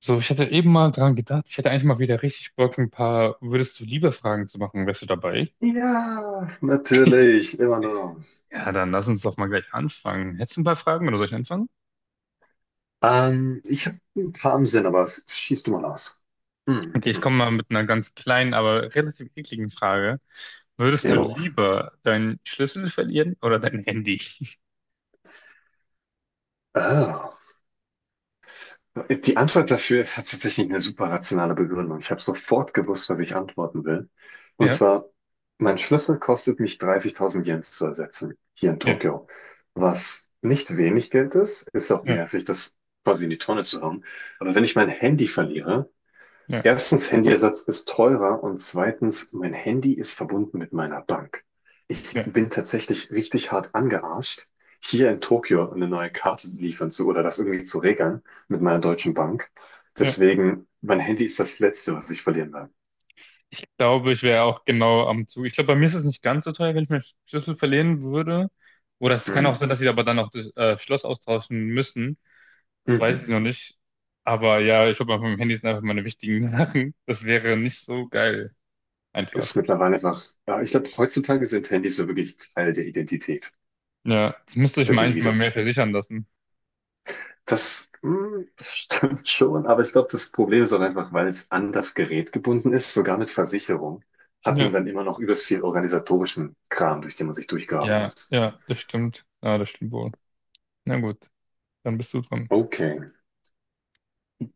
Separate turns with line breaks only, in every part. So, ich hatte eben mal dran gedacht, ich hätte eigentlich mal wieder richtig Bock, ein paar Würdest du lieber Fragen zu machen. Wärst du dabei?
Ja, natürlich, immer nur.
Ja, dann lass uns doch mal gleich anfangen. Hättest du ein paar Fragen oder soll ich anfangen?
Ich habe ein paar im Sinn, aber schieß du mal aus. Hm,
Okay, ich
hm.
komme mal mit einer ganz kleinen, aber relativ ekligen Frage.
Ja.
Würdest du
Jo.
lieber deinen Schlüssel verlieren oder dein Handy?
Ah. Die Antwort dafür hat tatsächlich eine super rationale Begründung. Ich habe sofort gewusst, was ich antworten will. Und
Ja,
zwar, mein Schlüssel kostet mich 30.000 Yen zu ersetzen, hier in
ja,
Tokio. Was nicht wenig Geld ist, ist auch
ja,
nervig, das quasi in die Tonne zu hauen. Aber wenn ich mein Handy verliere,
ja,
erstens, Handyersatz ist teurer und zweitens, mein Handy ist verbunden mit meiner Bank. Ich
ja,
bin tatsächlich richtig hart angearscht, hier in Tokio eine neue Karte liefern zu oder das irgendwie zu regeln mit meiner deutschen Bank.
ja.
Deswegen, mein Handy ist das Letzte, was ich verlieren werde.
Ich glaube, ich wäre auch genau am Zug. Ich glaube, bei mir ist es nicht ganz so teuer, wenn ich meinen Schlüssel verlieren würde. Oder es kann auch
Hm.
sein, dass sie aber dann auch das Schloss austauschen müssen. Weiß ich
Mhm.
noch nicht. Aber ja, ich glaube, auf meinem Handy sind einfach meine wichtigen Sachen. Das wäre nicht so geil.
Ist
Einfach.
mittlerweile einfach, ja, ich glaube, heutzutage sind Handys so wirklich Teil der Identität
Ja, das müsste ich
des
manchmal mehr
Individuums.
versichern lassen.
Das stimmt schon, aber ich glaube, das Problem ist auch einfach, weil es an das Gerät gebunden ist, sogar mit Versicherung, hat man
Ja,
dann immer noch übelst viel organisatorischen Kram, durch den man sich durchgraben
ja,
muss.
ja, das stimmt. Ja, das stimmt wohl. Na gut, dann bist du dran.
Okay,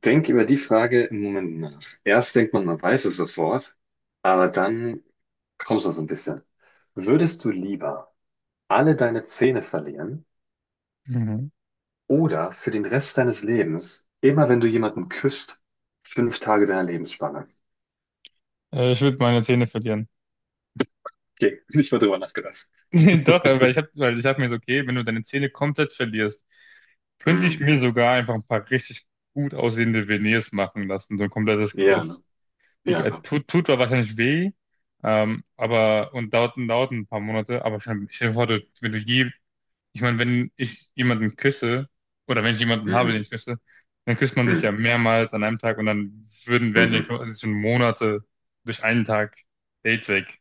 denk über die Frage im Moment nach. Erst denkt man, man weiß es sofort, aber dann kommst du so ein bisschen. Würdest du lieber alle deine Zähne verlieren
Mhm.
oder für den Rest deines Lebens, immer wenn du jemanden küsst, 5 Tage deiner Lebensspanne?
Ich würde meine Zähne verlieren.
Okay, nicht mal drüber nachgedacht.
Nee, doch, aber ich hab, weil ich hab mir so, okay, wenn du deine Zähne komplett verlierst, könnte ich
Hm.
mir sogar einfach ein paar richtig gut aussehende Veneers machen lassen, so ein komplettes
Ja, ne?
Gebiss. Die
Ja, ne?
tut zwar wahrscheinlich weh, aber und dauert ein paar Monate, aber stell dir vor, du, wenn du je, ich meine, wenn ich jemanden küsse oder wenn ich jemanden habe,
Hm,
den ich küsse, dann küsst man sich ja
hm,
mehrmals an einem Tag und dann wären ja
mhm.
quasi schon Monate durch einen Tag Date weg.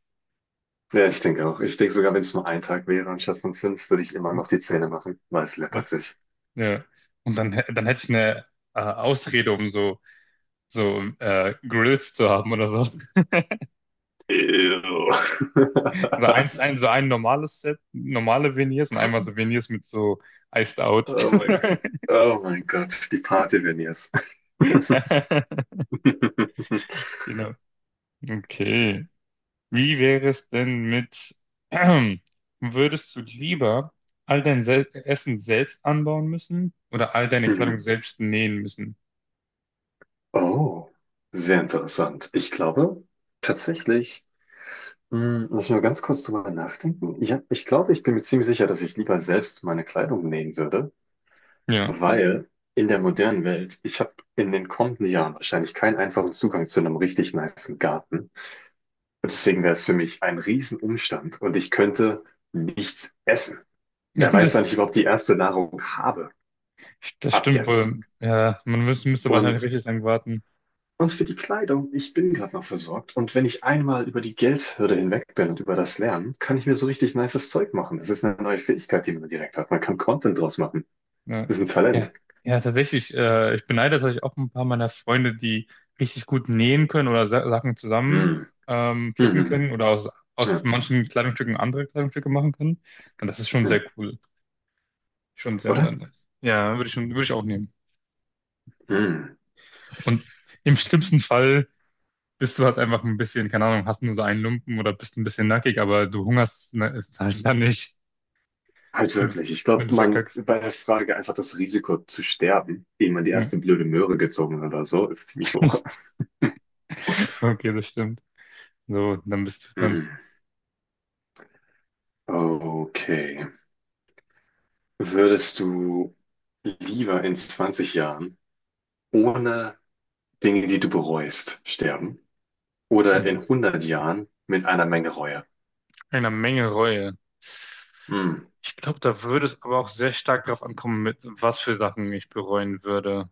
Ja, ich denke auch. Ich denke sogar, wenn es nur ein Tag wäre, anstatt von fünf, würde ich immer noch die Zähne machen, weil es
Ja,
läppert sich.
ja. Und dann, dann hätte ich eine Ausrede, um so, so Grills zu haben oder so.
Ew.
So so ein normales Set, normale Veneers und einmal so Veneers mit so Iced Out.
Oh mein Gott. Oh mein Gott, die Party-Veneers.
Genau. Okay. Wie wäre es denn mit, würdest du lieber all dein Sel Essen selbst anbauen müssen oder all deine Kleidung
Mhm.
selbst nähen müssen?
Oh, sehr interessant. Ich glaube tatsächlich, hm, lass mal ganz kurz drüber nachdenken. Ich glaube, ich bin mir ziemlich sicher, dass ich lieber selbst meine Kleidung nähen würde.
Ja,
Weil in der modernen Welt, ich habe in den kommenden Jahren wahrscheinlich keinen einfachen Zugang zu einem richtig nicen Garten. Und deswegen wäre es für mich ein Riesenumstand und ich könnte nichts essen. Wer weiß, wann
das,
ich überhaupt die erste Nahrung habe.
das
Ab
stimmt
jetzt.
wohl. Ja, man müsste wahrscheinlich
Und,
richtig lang warten.
und für die Kleidung, ich bin gerade noch versorgt. Und wenn ich einmal über die Geldhürde hinweg bin und über das Lernen, kann ich mir so richtig nices Zeug machen. Das ist eine neue Fähigkeit, die man direkt hat. Man kann Content draus machen.
Ja,
Das ist ein
ja,
Talent.
ja, tatsächlich. Ich beneide tatsächlich auch ein paar meiner Freunde, die richtig gut nähen können oder Sa Sachen zusammen
Mm.
flicken
Mhm.
können
Ja,
aus manchen Kleidungsstücken andere Kleidungsstücke machen können. Und das ist schon
ja.
sehr cool. Schon sehr
Oder?
nice. Ja, würde ich auch nehmen.
Mm.
Und im schlimmsten Fall bist du halt einfach ein bisschen, keine Ahnung, hast nur so einen Lumpen oder bist ein bisschen nackig, aber du hungerst ne, ist halt dann nicht,
Halt
wenn du,
wirklich. Ich
wenn
glaube,
du
man
verkackst.
bei der Frage einfach das Risiko zu sterben, ehe man die
Ja.
erste blöde Möhre gezogen hat oder so, ist ziemlich hoch.
Okay, das stimmt. So, dann bist du dran.
Hm. Okay. Würdest du lieber in 20 Jahren ohne Dinge, die du bereust, sterben oder
Mhm.
in 100 Jahren mit einer Menge Reue?
Eine Menge Reue.
Hm.
Ich glaube, da würde es aber auch sehr stark darauf ankommen, mit was für Sachen ich bereuen würde.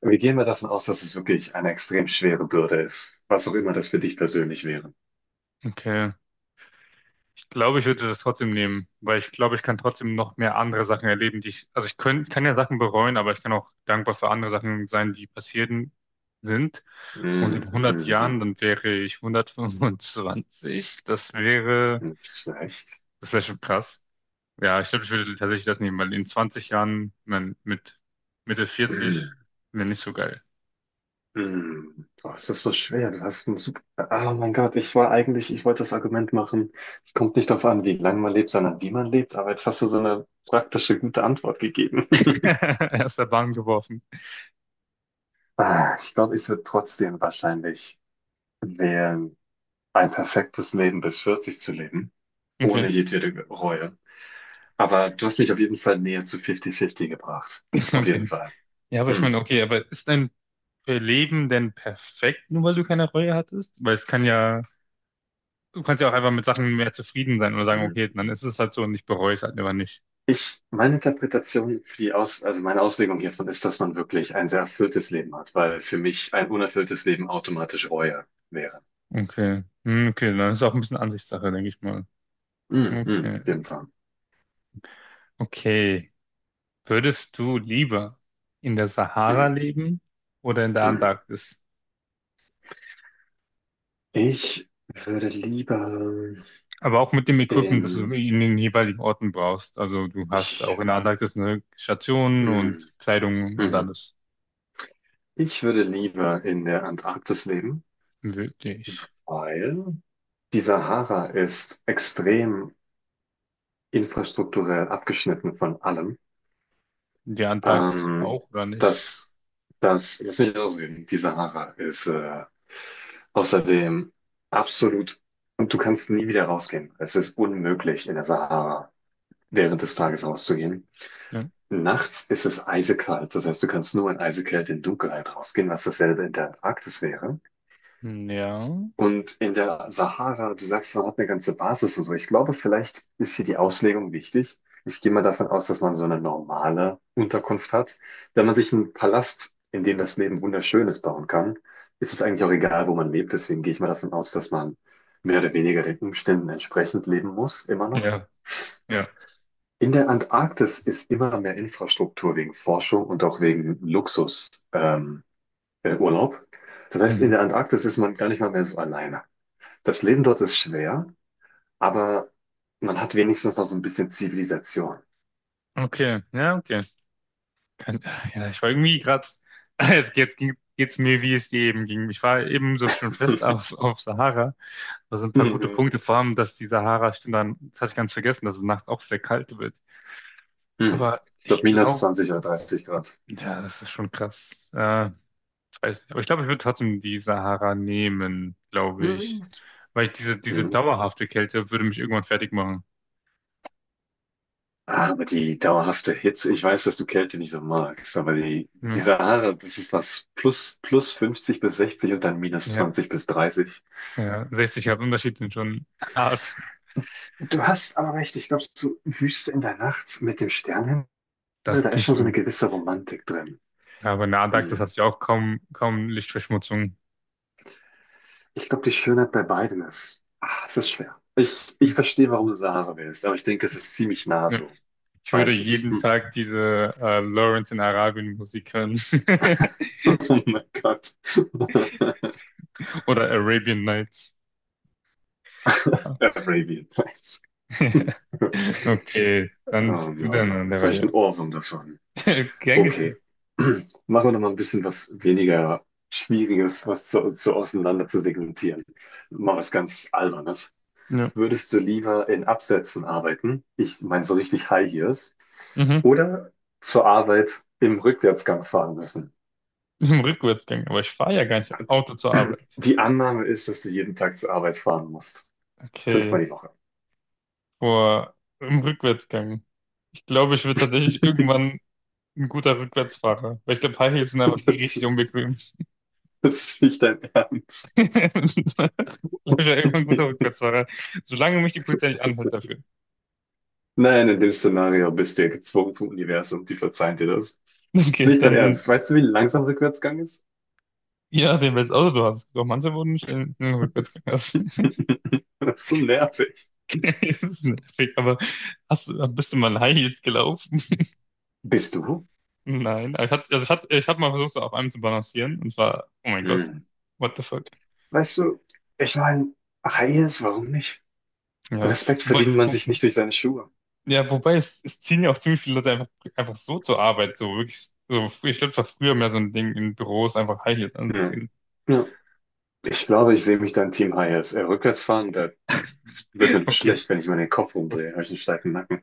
Wir gehen mal davon aus, dass es wirklich eine extrem schwere Bürde ist, was auch immer das für dich persönlich wäre.
Okay. Ich glaube, ich würde das trotzdem nehmen, weil ich glaube, ich kann trotzdem noch mehr andere Sachen erleben, also ich kann ja Sachen bereuen, aber ich kann auch dankbar für andere Sachen sein, die passierten sind. Und in
Hm,
100
hm,
Jahren,
hm.
dann wäre ich 125.
Nicht schlecht.
Das wäre schon krass. Ja, ich glaube, ich würde tatsächlich das nehmen, weil in 20 Jahren, man, mit Mitte 40,
Mhm.
wäre nicht so geil.
Hm, boah, es ist so schwer. Du hast einen super. Ah, oh mein Gott, ich wollte das Argument machen. Es kommt nicht darauf an, wie lange man lebt, sondern wie man lebt. Aber jetzt hast du so eine praktische, gute Antwort gegeben.
Aus der Bahn geworfen.
Ah, ich glaube, ich würde trotzdem wahrscheinlich wählen, ein perfektes Leben bis 40 zu leben, ohne
Okay,
jedwede Reue. Aber du hast mich auf jeden Fall näher zu 50-50 gebracht. Auf jeden
okay.
Fall.
Ja, aber ich
Hm.
meine, okay, aber ist dein Leben denn perfekt, nur weil du keine Reue hattest? Weil es kann ja, Du kannst ja auch einfach mit Sachen mehr zufrieden sein oder sagen, okay,
Hm.
dann ist es halt so und ich bereue es halt aber nicht.
Meine Interpretation für die Aus, also meine Auslegung hiervon ist, dass man wirklich ein sehr erfülltes Leben hat, weil für mich ein unerfülltes Leben automatisch Reue wäre.
Okay. Hm, okay, dann ist es auch ein bisschen Ansichtssache, denke ich mal.
Mhm, mhm,
Okay,
auf jeden Fall.
okay. Würdest du lieber in der Sahara
Mhm,
leben oder in der
mhm.
Antarktis?
Ich würde lieber
Aber auch mit dem Equipment, das du
in,
in den jeweiligen Orten brauchst. Also du hast auch
ich,
in der Antarktis eine Station
mhm,
und Kleidung und
mhm.
alles.
Ich würde lieber in der Antarktis leben,
Wirklich.
weil die Sahara ist extrem infrastrukturell abgeschnitten von allem.
Die Antarktis
Ähm,
auch, oder nicht?
das, das, lass mich ausreden, die Sahara ist außerdem absolut, und du kannst nie wieder rausgehen. Es ist unmöglich, in der Sahara während des Tages rauszugehen.
Ja.
Nachts ist es eisekalt, das heißt, du kannst nur in Eisekälte in Dunkelheit rausgehen, was dasselbe in der Antarktis wäre.
Ja.
Und in der Sahara, du sagst, man hat eine ganze Basis und so. Ich glaube, vielleicht ist hier die Auslegung wichtig. Ich gehe mal davon aus, dass man so eine normale Unterkunft hat. Wenn man sich einen Palast, in dem das Leben wunderschön ist, bauen kann, ist es eigentlich auch egal, wo man lebt. Deswegen gehe ich mal davon aus, dass man mehr oder weniger den Umständen entsprechend leben muss, immer noch.
Ja. Ja.
In der Antarktis ist immer mehr Infrastruktur wegen Forschung und auch wegen Luxus, Urlaub. Das heißt, in
Mhm.
der Antarktis ist man gar nicht mal mehr so alleine. Das Leben dort ist schwer, aber man hat wenigstens noch so ein bisschen Zivilisation.
Okay. Ja, okay. Kann, ja, ich war irgendwie gerade. Jetzt geht's mir, wie es eben ging. Ich war eben so schon fest auf, auf Sahara. Da sind ein paar gute
Mhm.
Punkte, vor allem, dass die Sahara, stimmt dann, das hatte ich ganz vergessen, dass es nachts auch sehr kalt wird.
Hm.
Aber
Ich glaube,
ich
minus
glaube,
20 oder 30 Grad.
ja, das ist schon krass. Ich weiß nicht. Aber ich glaube, ich würde trotzdem die Sahara nehmen, glaube
Mhm.
ich. Weil ich diese
Mhm.
dauerhafte Kälte würde mich irgendwann fertig machen.
Aber die dauerhafte Hitze, ich weiß, dass du Kälte nicht so magst, aber die
Ja,
Sahara, das ist was plus 50 bis 60 und dann minus
ja,
20 bis 30.
ja. 60 Grad Unterschied sind schon hart.
Du hast aber recht, ich glaube, so Wüste in der Nacht mit dem Sternenhimmel,
Das
da ist
klingt
schon so eine
schon.
gewisse Romantik drin.
Ja, aber Nadak, das
Hm.
hat sich auch kaum Lichtverschmutzung.
Ich glaube, die Schönheit bei beiden ist, ah, es ist schwer. Ich,
Hm.
ich verstehe, warum du Sahara wählst, aber ich denke, es ist ziemlich nah
Ja.
so.
Ich würde
Weißes.
jeden
Hm.
Tag diese Lawrence in Arabien Musik hören.
Oh mein Gott.
Oder Arabian Nights.
Arabian Nights. Oh
Okay, dann bist du dann
no.
an der
Jetzt habe ich einen
Reihe.
Ohrwurm davon.
Gern geschehen.
Okay. Machen wir noch mal ein bisschen was weniger Schwieriges, was zu auseinander zu segmentieren. Mal was ganz Albernes.
Ja.
Würdest du lieber in Absätzen arbeiten? Ich meine so richtig High Heels
Mhm.
oder zur Arbeit im Rückwärtsgang fahren müssen.
Im Rückwärtsgang, aber ich fahre ja gar nicht Auto zur Arbeit.
Die Annahme ist, dass du jeden Tag zur Arbeit fahren musst.
Okay,
Fünfmal die Woche.
boah, im Rückwärtsgang. Ich glaube, ich werde tatsächlich irgendwann ein guter Rückwärtsfahrer, weil ich glaube, High Heels sind einfach richtig unbequem.
Das ist nicht dein Ernst.
Ich glaube, ich werde irgendwann ein guter Rückwärtsfahrer, solange mich die Polizei nicht anhält dafür.
Nein, in dem Szenario bist du ja gezwungen vom Universum, die verzeihen dir das. Ist
Okay,
nicht dein
dann,
Ernst. Weißt du, wie langsam Rückwärtsgang ist?
ja, den welches Auto du hast. Doch, manche wurden nicht in den Rückwärtsgang.
Das ist so nervig.
Okay, das ist nervig, aber bist du mal in High Heels gelaufen?
Bist du?
Nein, ich hatte, ich habe mal versucht, so auf einem zu balancieren und war, oh mein Gott,
Hm.
what the fuck.
Weißt du, ich meine, High Heels, warum nicht?
Ja,
Respekt
wobei,
verdient man
wo,
sich nicht durch seine Schuhe.
ja, wobei es ziehen ja auch ziemlich viele Leute einfach so zur Arbeit, so wirklich, so, ich glaube, das war früher mehr so ein Ding in Büros, einfach High Heels
Hm.
anziehen.
Ja. Ich glaube, ich sehe mich dann Team Hayes. Rückwärts fahren, da wird mir
Okay.
schlecht, wenn ich meinen Kopf rumdrehe. Habe ich einen steifen Nacken.